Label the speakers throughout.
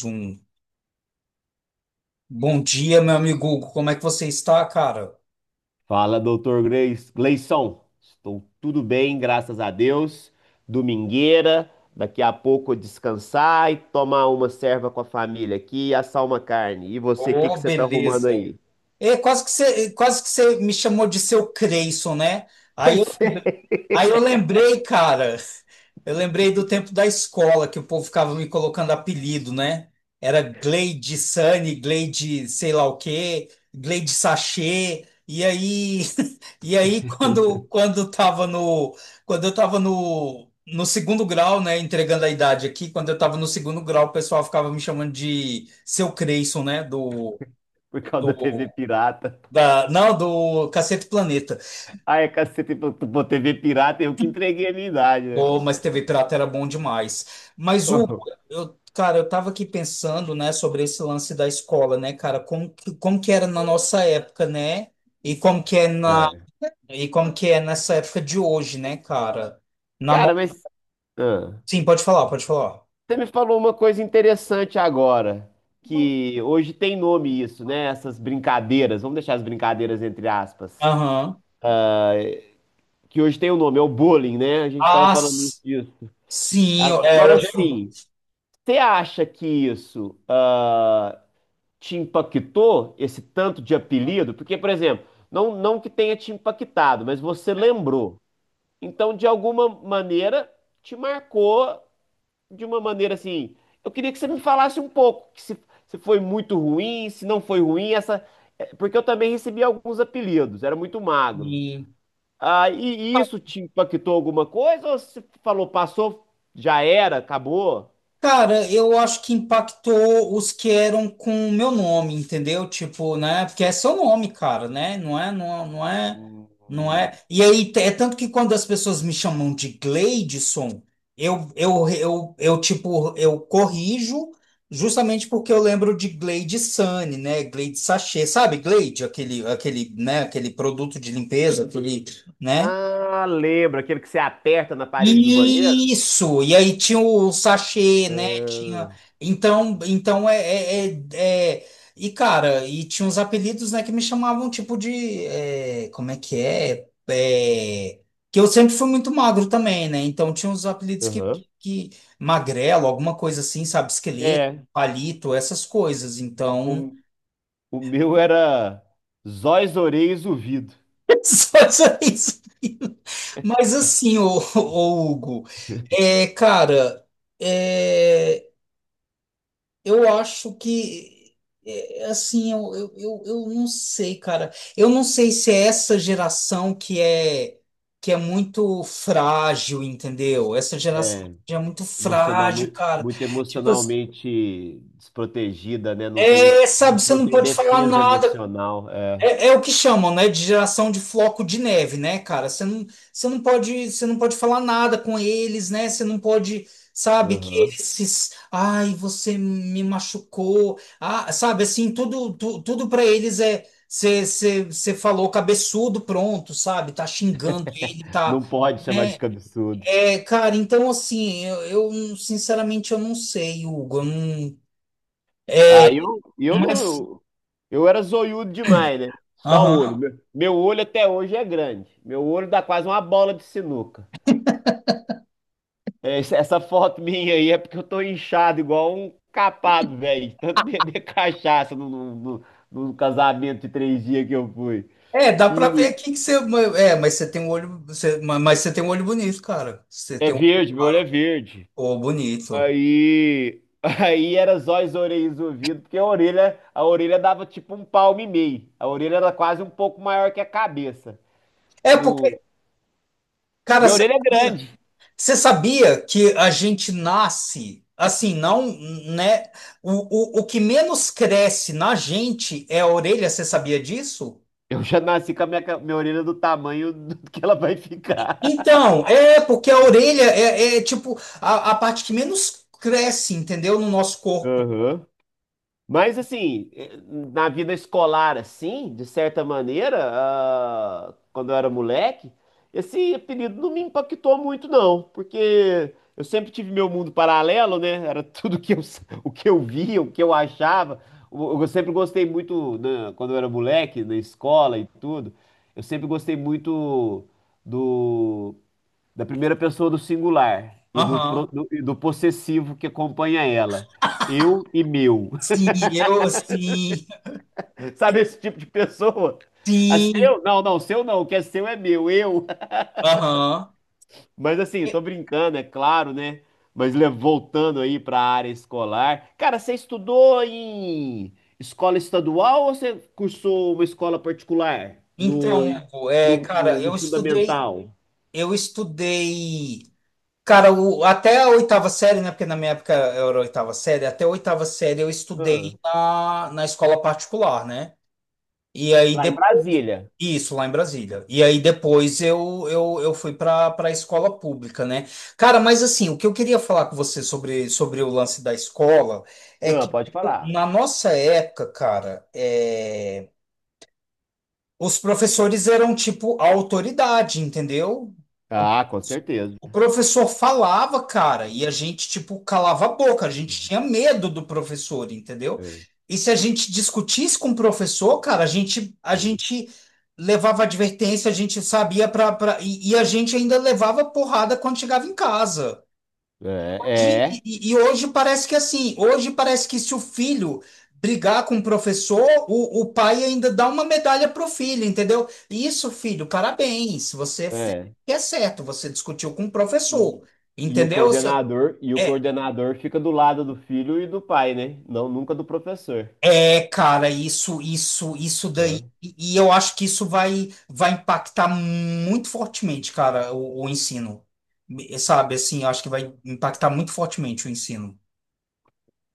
Speaker 1: Zoom. Bom dia, meu amigo Hugo. Como é que você está, cara?
Speaker 2: Fala, doutor Gleison. Estou tudo bem, graças a Deus. Domingueira, daqui a pouco eu descansar e tomar uma serva com a família aqui e assar uma carne. E você, o que que
Speaker 1: Ô,
Speaker 2: você tá
Speaker 1: beleza.
Speaker 2: arrumando aí?
Speaker 1: É, quase que você me chamou de seu Creyson, né? Aí eu
Speaker 2: Pois é,
Speaker 1: Aí eu lembrei, cara, eu lembrei do tempo da escola que o povo ficava me colocando apelido, né? Era Gleide Sunny, Gleide sei lá o quê, Gleide Sachê. E aí, e aí quando tava no quando eu tava no segundo grau, né, entregando a idade aqui, quando eu tava no segundo grau, o pessoal ficava me chamando de Seu Creyson, né, do,
Speaker 2: por causa da
Speaker 1: do
Speaker 2: TV pirata.
Speaker 1: da não, do Cacete Planeta.
Speaker 2: Ai, é cacete, pô, pô, TV pirata, eu que entreguei a minha idade, né?
Speaker 1: Oh, mas TV Pirata era bom demais. Mas o
Speaker 2: Oh,
Speaker 1: eu, cara, eu tava aqui pensando, né, sobre esse lance da escola, né, cara, como que era na nossa época, né? E como que é na
Speaker 2: é.
Speaker 1: e como que é nessa época de hoje, né, cara? Na no...
Speaker 2: Cara, mas ah,
Speaker 1: Sim, pode falar, pode falar.
Speaker 2: você me falou uma coisa interessante agora, que hoje tem nome isso, né? Essas brincadeiras, vamos deixar as brincadeiras entre aspas.
Speaker 1: Aham.
Speaker 2: Que hoje tem o nome, é o bullying, né? A gente estava
Speaker 1: Ah,
Speaker 2: falando
Speaker 1: s-
Speaker 2: disso.
Speaker 1: sim, é,
Speaker 2: Agora
Speaker 1: hoje
Speaker 2: sim, você acha que isso te impactou, esse tanto de apelido? Porque, por exemplo, não, não que tenha te impactado, mas você lembrou. Então, de alguma maneira, te marcou de uma maneira assim. Eu queria que você me falasse um pouco, que se foi muito ruim, se não foi ruim, essa. Porque eu também recebi alguns apelidos, era muito magro.
Speaker 1: é...
Speaker 2: E isso te impactou alguma coisa? Ou você falou, passou, já era, acabou?
Speaker 1: Cara, eu acho que impactou os que eram com o meu nome, entendeu? Tipo, né? Porque é seu nome, cara, né? Não é.
Speaker 2: Hum.
Speaker 1: E aí, é tanto que quando as pessoas me chamam de Gleidson, tipo, eu corrijo justamente porque eu lembro de Glade Sunny, né? Glade Sachê, sabe? Glade, né? Aquele produto de limpeza, aquele, né?
Speaker 2: Ah, lembra, aquele que você aperta na parede do banheiro?
Speaker 1: Isso, e aí tinha o sachê, né? Tinha.
Speaker 2: Ah,
Speaker 1: Então é, é- é- E, cara, e tinha uns apelidos, né, que me chamavam tipo de. É, como é que é? É, que eu sempre fui muito magro também, né? Então tinha uns apelidos que,
Speaker 2: aham.
Speaker 1: que. Magrelo, alguma coisa assim, sabe? Esqueleto,
Speaker 2: É,
Speaker 1: palito, essas coisas. Então.
Speaker 2: o, o meu era Zóis, Orelhas, Ouvido.
Speaker 1: Só isso. Mas assim, ô Hugo, é, cara. É, eu acho que, é, assim, eu não sei, cara. Eu não sei se é essa geração que é muito frágil, entendeu? Essa geração
Speaker 2: É,
Speaker 1: que é muito
Speaker 2: emocional,
Speaker 1: frágil, cara.
Speaker 2: muito,
Speaker 1: Tipo assim,
Speaker 2: emocionalmente desprotegida, né?
Speaker 1: é, sabe, você
Speaker 2: Não
Speaker 1: não
Speaker 2: tem
Speaker 1: pode falar
Speaker 2: defesa
Speaker 1: nada,
Speaker 2: emocional. É.
Speaker 1: é, é o que chamam, né, de geração de floco de neve, né, cara? Você não pode falar nada com eles, né? Você não pode, sabe, que eles,
Speaker 2: Aham.
Speaker 1: ai, você me machucou, ah, sabe, assim, tudo, tudo para eles é, você falou cabeçudo, pronto, sabe? Tá xingando ele, tá?
Speaker 2: Não pode chamar de cabeçudo.
Speaker 1: É, cara, então assim, sinceramente eu não sei, Hugo, eu não, é,
Speaker 2: Eu
Speaker 1: mas,
Speaker 2: não. Eu era zoiudo demais, né? Só olho.
Speaker 1: aham.
Speaker 2: Meu olho até hoje é grande. Meu olho dá quase uma bola de sinuca. É, essa foto minha aí é porque eu tô inchado igual um capado, velho. De tanto beber cachaça no no casamento de três dias que eu fui.
Speaker 1: É, dá pra ver
Speaker 2: E
Speaker 1: aqui que você. É, mas você tem um olho. Mas você tem um olho bonito, cara. Você
Speaker 2: é
Speaker 1: tem um olho
Speaker 2: verde, meu olho é
Speaker 1: claro.
Speaker 2: verde.
Speaker 1: Pô, bonito.
Speaker 2: Aí, aí era zóio, orelhas, e ouvido, porque a orelha dava tipo um palmo e meio. A orelha era quase um pouco maior que a cabeça.
Speaker 1: É porque, cara,
Speaker 2: Minha orelha é grande.
Speaker 1: você sabia que a gente nasce assim, não, né? O que menos cresce na gente é a orelha, você sabia disso?
Speaker 2: Eu já nasci com a minha orelha do tamanho do que ela vai ficar.
Speaker 1: Então, é porque a orelha é, tipo a parte que menos cresce, entendeu? No nosso corpo.
Speaker 2: Aham. Mas assim, eh, na vida escolar, assim, de certa maneira, quando eu era moleque, esse apelido não me impactou muito, não, porque eu sempre tive meu mundo paralelo, né? Era tudo que o que eu via, o que eu achava. Eu sempre gostei muito, né, quando eu era moleque, na escola e tudo. Eu sempre gostei muito do da primeira pessoa do singular e
Speaker 1: Aham.
Speaker 2: do possessivo que acompanha ela. Eu e meu.
Speaker 1: Sim,
Speaker 2: Sabe esse tipo de pessoa? A
Speaker 1: sim.
Speaker 2: seu? Não, seu não. O que é seu é meu, eu.
Speaker 1: Aham.
Speaker 2: Mas assim, tô brincando, é claro, né? Mas voltando aí para a área escolar. Cara, você estudou em escola estadual ou você cursou uma escola particular no,
Speaker 1: Então, Hugo, é,
Speaker 2: no,
Speaker 1: cara,
Speaker 2: no- no- fundamental?
Speaker 1: eu estudei, cara, até a 8ª série, né? Porque na minha época era a 8ª série, até a oitava série eu
Speaker 2: Ah,
Speaker 1: estudei na escola particular, né? E aí
Speaker 2: lá em
Speaker 1: depois,
Speaker 2: Brasília.
Speaker 1: isso, lá em Brasília. E aí depois eu fui para a escola pública, né? Cara, mas assim, o que eu queria falar com você sobre o lance da escola é
Speaker 2: Ah,
Speaker 1: que,
Speaker 2: pode
Speaker 1: tipo,
Speaker 2: falar.
Speaker 1: na nossa época, cara, é. Os professores eram tipo a autoridade, entendeu? O,
Speaker 2: Ah, com certeza.
Speaker 1: o professor falava, cara, e a gente tipo calava a boca, a gente tinha medo do professor, entendeu?
Speaker 2: É,
Speaker 1: E se a gente discutisse com o professor, cara, a gente levava advertência, a gente sabia para e a gente ainda levava porrada quando chegava em casa.
Speaker 2: é,
Speaker 1: E hoje parece que é assim, hoje parece que se o filho brigar com o professor, o pai ainda dá uma medalha pro filho, entendeu? Isso, filho, parabéns, você
Speaker 2: é.
Speaker 1: fez o
Speaker 2: é.
Speaker 1: que é certo, você discutiu com o professor,
Speaker 2: E, e o
Speaker 1: entendeu? Se- É,
Speaker 2: coordenador fica do lado do filho e do pai, né? Não, nunca do professor.
Speaker 1: é, cara, isso daí,
Speaker 2: É.
Speaker 1: e eu acho que vai impactar muito fortemente, cara, o ensino. Me- sabe? Assim, eu acho que vai impactar muito fortemente o ensino.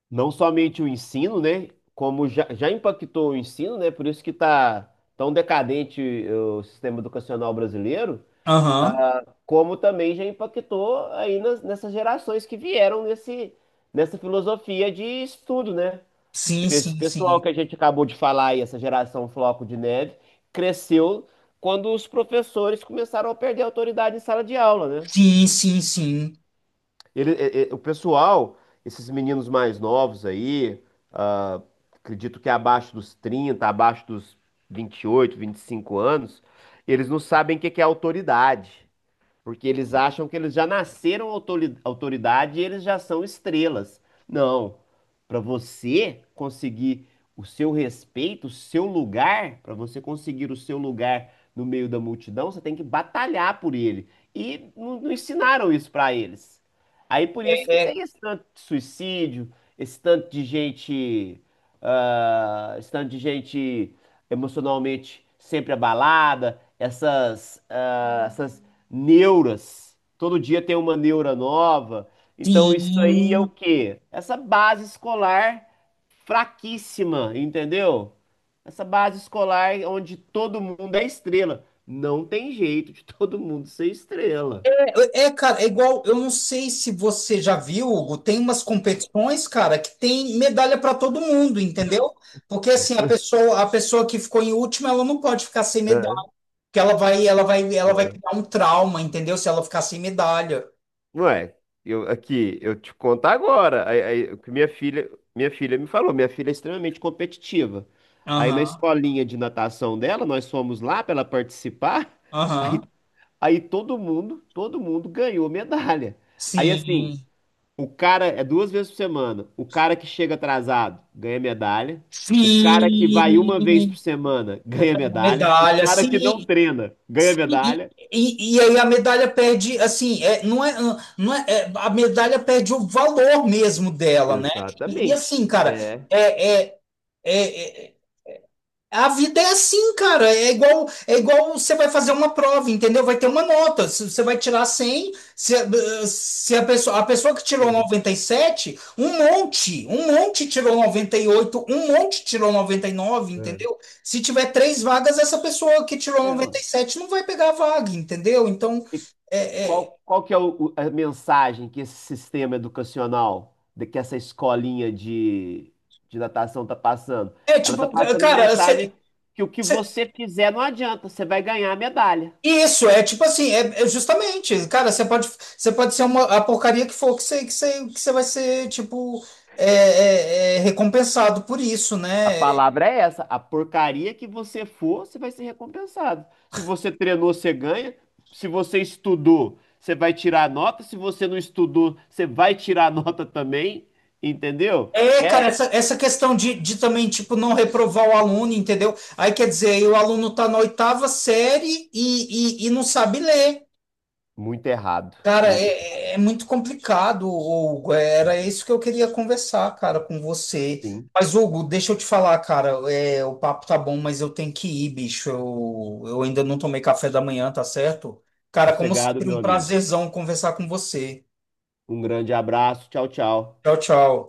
Speaker 2: Não somente o ensino, né? Como já, já impactou o ensino, né? Por isso que tá tão decadente o sistema educacional brasileiro,
Speaker 1: Aham.
Speaker 2: como também já impactou aí nessas gerações que vieram nessa filosofia de estudo, né?
Speaker 1: Sim,
Speaker 2: Esse
Speaker 1: sim,
Speaker 2: pessoal
Speaker 1: sim.
Speaker 2: que a gente acabou de falar aí, essa geração floco de neve, cresceu quando os professores começaram a perder a autoridade em sala de aula, né?
Speaker 1: Sim, sim, sim.
Speaker 2: O pessoal, esses meninos mais novos aí, ah, acredito que abaixo dos 30, abaixo dos vinte e oito, vinte e cinco anos, eles não sabem o que que é autoridade. Porque eles acham que eles já nasceram autoridade e eles já são estrelas. Não. Para você conseguir o seu respeito, o seu lugar, para você conseguir o seu lugar no meio da multidão, você tem que batalhar por ele. E não, não ensinaram isso para eles. Aí por isso
Speaker 1: É,
Speaker 2: que
Speaker 1: é,
Speaker 2: tem esse tanto de suicídio, esse tanto de gente, esse tanto de gente emocionalmente sempre abalada, essas neuras. Todo dia tem uma neura nova. Então isso aí é o
Speaker 1: sim.
Speaker 2: quê? Essa base escolar fraquíssima, entendeu? Essa base escolar onde todo mundo é estrela. Não tem jeito de todo mundo ser estrela.
Speaker 1: É, é, cara, é igual. Eu não sei se você já viu, Hugo, tem umas competições, cara, que tem medalha para todo mundo, entendeu? Porque assim, a pessoa que ficou em último, ela não pode ficar sem medalha,
Speaker 2: É.
Speaker 1: porque ela vai criar um trauma, entendeu? Se ela ficar sem medalha.
Speaker 2: Ué, eu, aqui, eu te conto agora. Aí, aí, o que minha filha me falou, minha filha é extremamente competitiva. Aí na
Speaker 1: Aham,
Speaker 2: escolinha de natação dela, nós fomos lá para ela participar. Aí
Speaker 1: aham.
Speaker 2: aí todo mundo ganhou medalha. Aí assim,
Speaker 1: Sim.
Speaker 2: o cara é duas vezes por semana. O cara que chega atrasado ganha medalha. O cara que vai uma vez
Speaker 1: Sim,
Speaker 2: por semana ganha medalha. O
Speaker 1: medalha,
Speaker 2: cara que não
Speaker 1: sim,
Speaker 2: treina ganha
Speaker 1: Sim.
Speaker 2: medalha.
Speaker 1: E aí a medalha perde, assim, é, não é, não é, é, a medalha perde o valor mesmo dela, né? E
Speaker 2: Exatamente.
Speaker 1: assim, cara,
Speaker 2: É.
Speaker 1: é, é, é, é, a vida é assim, cara. É igual você vai fazer uma prova, entendeu? Vai ter uma nota. Se você vai tirar 100 se a pessoa, a pessoa que tirou
Speaker 2: É,
Speaker 1: 97, um monte tirou 98, um monte tirou 99,
Speaker 2: é.
Speaker 1: entendeu? Se tiver três vagas, essa pessoa que tirou
Speaker 2: É,
Speaker 1: noventa
Speaker 2: ó.
Speaker 1: e sete não vai pegar a vaga, entendeu? Então,
Speaker 2: O
Speaker 1: é, é,
Speaker 2: qual, qual que é a mensagem que esse sistema educacional, que essa escolinha de natação está passando?
Speaker 1: é
Speaker 2: Ela está
Speaker 1: tipo,
Speaker 2: passando a
Speaker 1: cara,
Speaker 2: mensagem
Speaker 1: você
Speaker 2: que o que você fizer não adianta, você vai ganhar a medalha.
Speaker 1: Isso, é tipo assim, é, é justamente, cara, você pode ser uma, a porcaria que for que que você vai ser, tipo, é recompensado por isso,
Speaker 2: A
Speaker 1: né?
Speaker 2: palavra é essa, a porcaria que você for, você vai ser recompensado. Se você treinou, você ganha. Se você estudou, você vai tirar a nota. Se você não estudou, você vai tirar a nota também, entendeu?
Speaker 1: É, cara,
Speaker 2: É
Speaker 1: essa questão de também, tipo, não reprovar o aluno, entendeu? Aí quer dizer, aí o aluno tá na 8ª série e não sabe ler.
Speaker 2: muito errado,
Speaker 1: Cara,
Speaker 2: muito errado.
Speaker 1: é muito complicado, Hugo. É, era isso que eu queria conversar, cara, com você.
Speaker 2: Sim.
Speaker 1: Mas, Hugo, deixa eu te falar, cara. É, o papo tá bom, mas eu tenho que ir, bicho. Eu ainda não tomei café da manhã, tá certo? Cara, como
Speaker 2: Sossegado,
Speaker 1: sempre,
Speaker 2: meu
Speaker 1: um
Speaker 2: amigo.
Speaker 1: prazerzão conversar com você.
Speaker 2: Um grande abraço. Tchau, tchau.
Speaker 1: Tchau, tchau.